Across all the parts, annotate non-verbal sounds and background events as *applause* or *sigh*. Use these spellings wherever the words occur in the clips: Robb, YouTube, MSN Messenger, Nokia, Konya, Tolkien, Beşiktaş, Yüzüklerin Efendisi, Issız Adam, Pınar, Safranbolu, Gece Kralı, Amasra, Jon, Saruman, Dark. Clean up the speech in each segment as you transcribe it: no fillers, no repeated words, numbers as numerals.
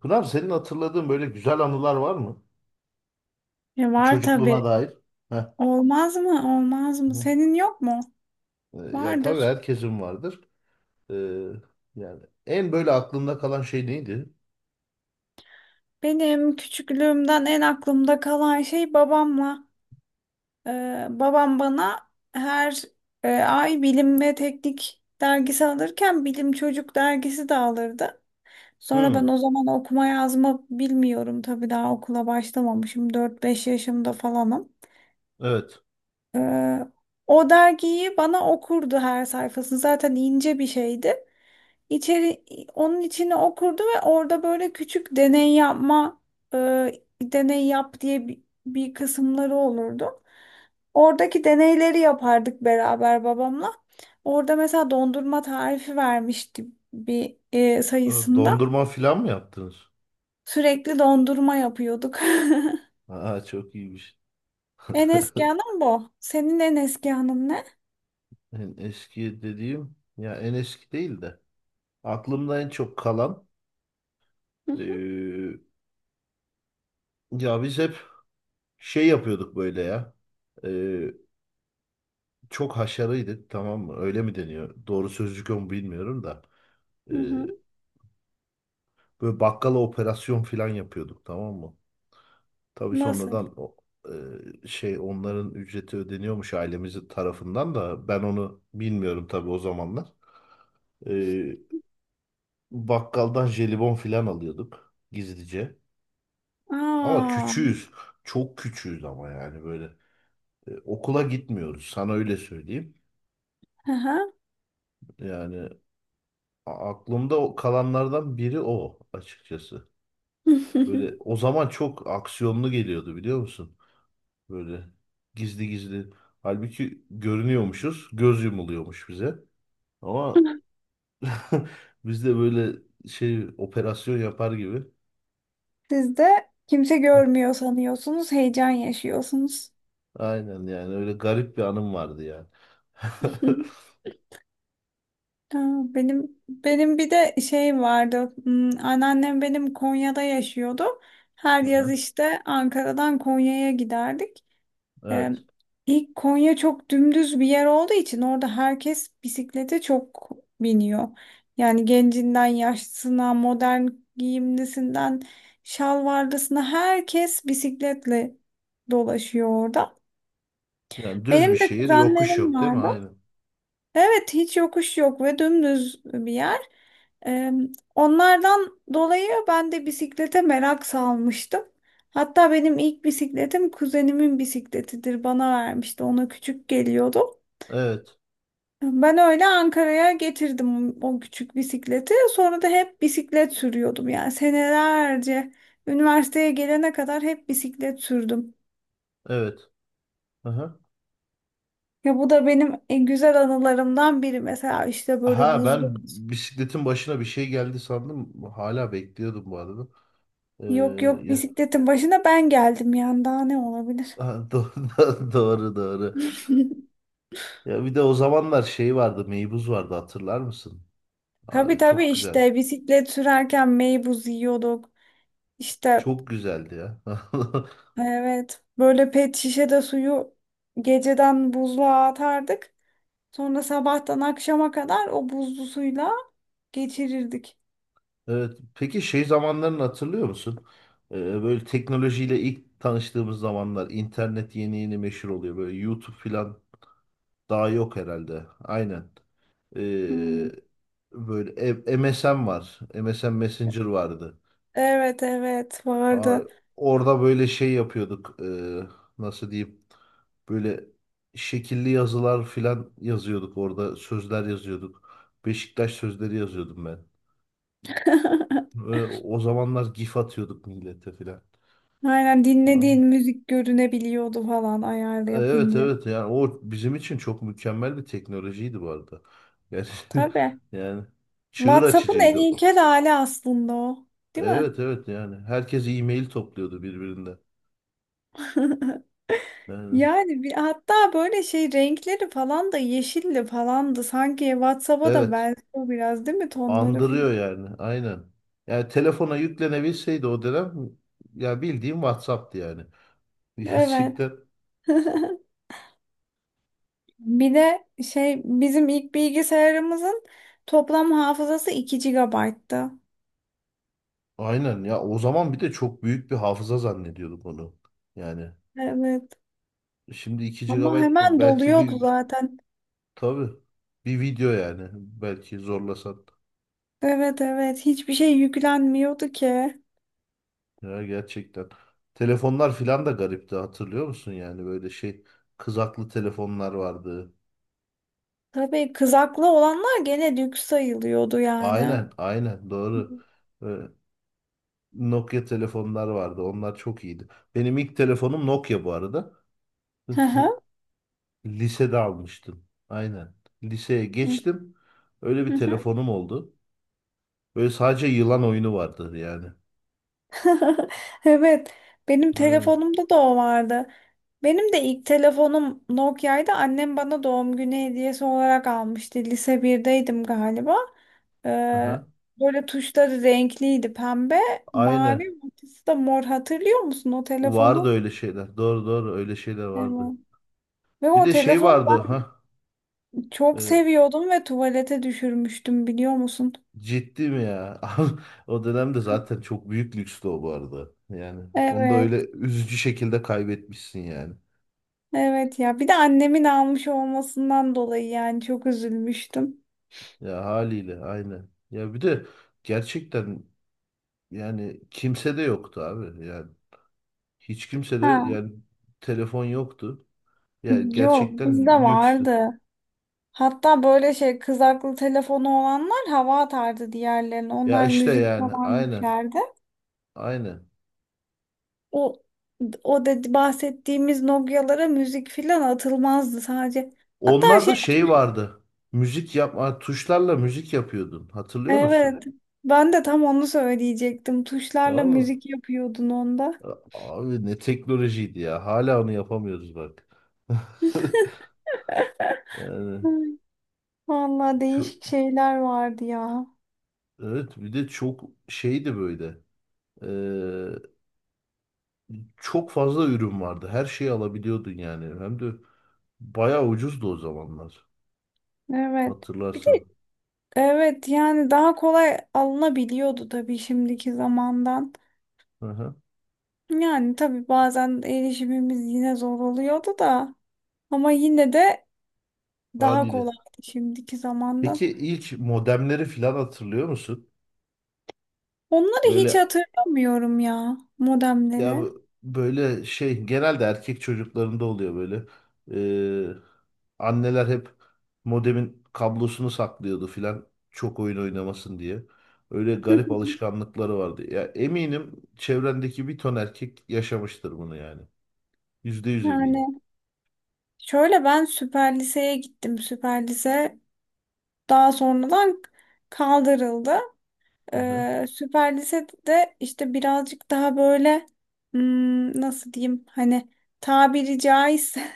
Pınar senin hatırladığın böyle güzel anılar var mı? E var tabii. Çocukluğuna dair. Heh. Olmaz mı? Olmaz mı? Hı. Senin yok mu? Ya tabii Vardır. herkesin vardır. Ee, Yani en böyle aklında kalan şey neydi? Benim küçüklüğümden en aklımda kalan şey babamla. Babam bana her ay bilim ve teknik dergisi alırken bilim çocuk dergisi de alırdı. Sonra ben Hmm, o zaman okuma yazma bilmiyorum tabii, daha okula başlamamışım, dört beş yaşımda falanım. evet. Ee, O dergiyi bana okurdu, her sayfasını. Zaten ince bir şeydi. İçeri, Onun içine okurdu ve orada böyle küçük deney yapma, e, deney yap diye bir kısımları olurdu. Oradaki deneyleri yapardık beraber babamla. Orada mesela dondurma tarifi vermişti bir sayısında. Dondurma falan mı yaptınız? Sürekli dondurma yapıyorduk. *laughs* Aa, çok iyiymiş. En eski anım bu. Senin en eski anın ne? En eski dediğim ya, en eski değil de aklımda en çok kalan, Hı hı ee, ya biz hep şey yapıyorduk böyle ya. Ee, Çok haşarıydık, tamam mı? Öyle mi deniyor? Doğru sözcük o mu bilmiyorum da. Ee, hı. Hı. Böyle bakkala operasyon falan yapıyorduk, tamam mı? Tabii Nasıl? sonradan o, şey, onların ücreti ödeniyormuş ailemizin tarafından, da ben onu bilmiyorum tabii o zamanlar. E, Bakkaldan jelibon falan alıyorduk gizlice. Ama Aa, küçüğüz. Çok küçüğüz ama yani böyle. Okula gitmiyoruz, sana öyle söyleyeyim. hı Yani aklımda kalanlardan biri o, açıkçası. hı. Böyle o zaman çok aksiyonlu geliyordu, biliyor musun? Böyle gizli gizli. Halbuki görünüyormuşuz. Göz yumuluyormuş bize. Ama *laughs* *laughs* biz de böyle şey, operasyon yapar gibi. Siz de kimse görmüyor sanıyorsunuz, heyecan yaşıyorsunuz. *laughs* Aynen, yani öyle garip bir anım vardı yani. *laughs* Ha, benim bir de şeyim vardı. Anneannem benim Konya'da yaşıyordu. Her yaz Aha, işte Ankara'dan Konya'ya giderdik. Ee, evet. ilk Konya çok dümdüz bir yer olduğu için orada herkes bisiklete çok biniyor. Yani gencinden yaşlısına, modern giyimlisinden şalvarlısına herkes bisikletle dolaşıyor orada. Yani düz bir Benim de şehir, yokuş kuzenlerim yok değil mi? vardı. Aynen. Evet, hiç yokuş yok ve dümdüz bir yer. Ee, Onlardan dolayı ben de bisiklete merak salmıştım. Hatta benim ilk bisikletim kuzenimin bisikletidir. Bana vermişti. Ona küçük geliyordu. Evet. Ben öyle Ankara'ya getirdim o küçük bisikleti. Sonra da hep bisiklet sürüyordum. Yani senelerce, üniversiteye gelene kadar hep bisiklet sürdüm. Evet. Aha. Ya bu da benim en güzel anılarımdan biri. Mesela işte böyle Ha, ben buzlu. bisikletin başına bir şey geldi sandım. Hala bekliyordum bu arada. Ee, Yok, yok, ya, bisikletin başına ben geldim, yani daha ne olabilir? ha, *laughs* doğru, doğru. *laughs* Ya bir de o zamanlar şey vardı, meybuz vardı, hatırlar mısın? Tabii, Aa, tabii, çok güzel. işte bisiklet sürerken meybuz yiyorduk. İşte, Çok güzeldi ya. *laughs* evet, böyle pet şişede suyu geceden buzluğa atardık. Sonra sabahtan akşama kadar o buzlu suyla geçirirdik. Evet. Peki şey zamanlarını hatırlıyor musun? Ee, Böyle teknolojiyle ilk tanıştığımız zamanlar, internet yeni yeni meşhur oluyor. Böyle YouTube falan daha yok herhalde. Aynen. Hmm. Ee, Böyle MSN var. MSN Messenger vardı. Evet, evet, Aa, vardı. orada böyle şey yapıyorduk. Nasıl diyeyim? Böyle şekilli yazılar filan yazıyorduk orada. Sözler yazıyorduk. Beşiktaş sözleri yazıyordum ben. *laughs* Ve o zamanlar gif atıyorduk millete filan. Aynen, Aa, dinlediğin müzik görünebiliyordu falan, ayarlı evet yapınca. evet, yani o bizim için çok mükemmel bir teknolojiydi bu arada. Yani, *laughs* Tabii. yani çığır WhatsApp'ın en açıcıydı o. ilkel hali aslında o. Değil mi? Evet evet, yani herkes e-mail topluyordu birbirinden. *laughs* Yani, Yani hatta böyle şey, renkleri falan da yeşilli falan da, sanki WhatsApp'a da evet. benziyor biraz değil mi, tonları Andırıyor falan? yani. Aynen. Yani telefona yüklenebilseydi o dönem, ya bildiğim WhatsApp'tı yani. *laughs* Evet. Gerçekten. *laughs* Bir de şey, bizim ilk bilgisayarımızın toplam hafızası 2 GB'tı. Aynen ya, o zaman bir de çok büyük bir hafıza zannediyorduk onu. Yani Evet. şimdi 2 Ama gigabayt hemen belki doluyordu bir, zaten. tabii bir video yani, belki zorlasan. Evet, evet, hiçbir şey yüklenmiyordu ki. Ya gerçekten. Telefonlar filan da garipti, hatırlıyor musun? Yani böyle şey, kızaklı telefonlar vardı. Tabii kızaklı olanlar gene lüks sayılıyordu yani. Aynen, Hı doğru. Ee, Nokia telefonlar vardı. Onlar çok iyiydi. Benim ilk telefonum Nokia bu arada. hı. *laughs* Lisede almıştım. Aynen. Liseye geçtim. Öyle Hı bir hı. telefonum oldu. Böyle sadece yılan oyunu vardı yani. *laughs* Evet, benim Aynen. telefonumda da o vardı. Benim de ilk telefonum Nokia'ydı. Annem bana doğum günü hediyesi olarak almıştı. Lise birdeydim galiba. Ee, Aha. Böyle tuşları renkliydi. Pembe, Aynen. mavi, ortası da mor. Hatırlıyor musun o Vardı telefonu? öyle şeyler. Doğru, öyle şeyler vardı. Evet. Ve Bir o de şey telefonu vardı. Ha. ben çok e, seviyordum ve tuvalete düşürmüştüm, biliyor musun? Ciddi mi ya? *laughs* O dönemde zaten çok büyük lükstü o, bu arada. Yani onu da Evet, öyle üzücü şekilde kaybetmişsin yani. evet ya. Bir de annemin almış olmasından dolayı yani çok üzülmüştüm. Ya haliyle, aynen. Ya bir de gerçekten, yani kimse de yoktu abi. Yani hiç kimse de Ha. yani, telefon yoktu. Ya Yok, bizde gerçekten lükstü. vardı. Hatta böyle şey, kızaklı telefonu olanlar hava atardı diğerlerine. Ya Onlar işte müzik yani, falan aynen. yüklerdi. Aynen. O o dedi, bahsettiğimiz Nokia'lara müzik falan atılmazdı sadece. Hatta şey, Onlarda şey vardı. Müzik yapma, tuşlarla müzik yapıyordun. Hatırlıyor musun? evet, ben de tam onu söyleyecektim. Tuşlarla Tamam mı? müzik yapıyordun onda. Abi, ne teknolojiydi ya. Hala onu yapamıyoruz bak. *laughs* Yani Hı, vallahi çok, değişik şeyler vardı ya. evet, bir de çok şeydi böyle. Çok fazla ürün vardı. Her şeyi alabiliyordun yani. Hem de bayağı ucuzdu o zamanlar. Evet. Bir de, Hatırlarsın. evet, yani daha kolay alınabiliyordu tabii şimdiki zamandan. Hı hı, Yani tabii bazen erişimimiz yine zor oluyordu da, ama yine de daha haliyle. kolaydı şimdiki zamandan. Peki ilk modemleri falan hatırlıyor musun? Onları hiç Böyle, hatırlamıyorum ya, ya modemleri. Böyle şey genelde erkek çocuklarında oluyor böyle. Ee, Anneler hep modemin kablosunu saklıyordu filan, çok oyun oynamasın diye. Öyle garip *laughs* alışkanlıkları vardı. Ya eminim çevrendeki bir ton erkek yaşamıştır bunu yani. Yüzde yüz eminim. Yani şöyle, ben süper liseye gittim. Süper lise daha sonradan kaldırıldı. Hı hı. Süper lisede işte birazcık daha böyle, nasıl diyeyim, hani, tabiri caizse,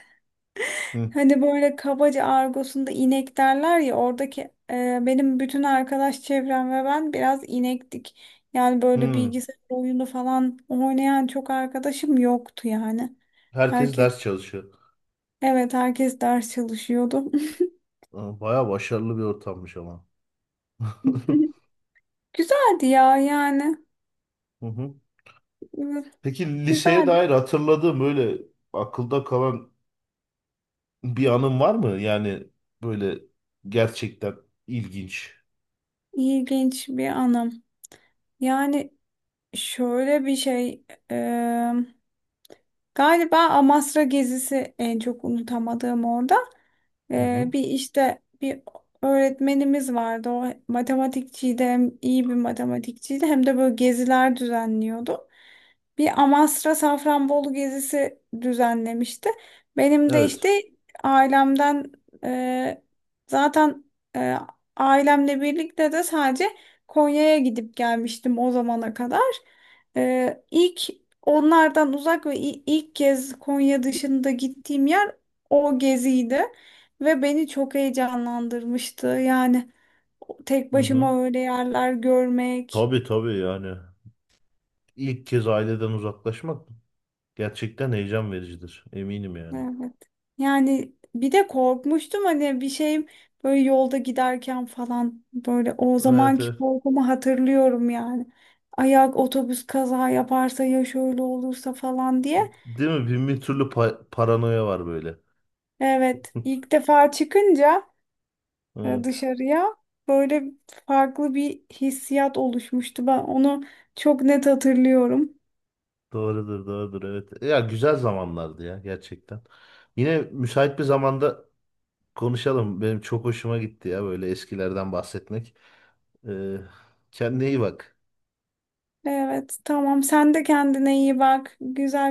Hı. hani böyle kabaca argosunda inek derler ya, oradaki benim bütün arkadaş çevrem ve ben biraz inektik. Yani böyle Hı. bilgisayar oyunu falan oynayan çok arkadaşım yoktu yani. Herkes Herkes, ders çalışıyor. evet, herkes ders çalışıyordu. *laughs* *laughs* Aa, bayağı başarılı bir ortammış ama. *laughs* Güzeldi ya yani. Hı hı. Peki liseye Güzeldi. dair hatırladığın böyle akılda kalan bir anın var mı? Yani böyle gerçekten ilginç. İlginç bir anım. Yani şöyle bir şey, e, galiba Amasra gezisi en çok unutamadığım, orada. Hı hı. Bir işte bir öğretmenimiz vardı. O matematikçiydi, hem iyi bir matematikçiydi hem de böyle geziler düzenliyordu. Bir Amasra Safranbolu gezisi düzenlemişti. Benim de Evet. işte ailemden, e, zaten e, ailemle birlikte de sadece Konya'ya gidip gelmiştim o zamana kadar. İlk onlardan uzak ve ilk kez Konya dışında gittiğim yer o geziydi. Ve beni çok heyecanlandırmıştı. Yani tek Hı hı. başıma öyle yerler görmek. Tabii tabii yani. İlk kez aileden uzaklaşmak gerçekten heyecan vericidir. Eminim yani. Evet. Yani bir de korkmuştum, hani bir şeyim, böyle yolda giderken falan, böyle o Evet evet. zamanki korkumu hatırlıyorum yani. Ayak, otobüs kaza yaparsa ya, şöyle olursa falan diye. Değil mi? Bin bir türlü paranoya var böyle. Evet, ilk defa çıkınca Evet. dışarıya, böyle farklı bir hissiyat oluşmuştu. Ben onu çok net hatırlıyorum. Doğrudur, doğrudur. Evet. Ya güzel zamanlardı ya, gerçekten. Yine müsait bir zamanda konuşalım. Benim çok hoşuma gitti ya böyle eskilerden bahsetmek. Ee, Kendine iyi bak. Evet, tamam. Sen de kendine iyi bak. Güzel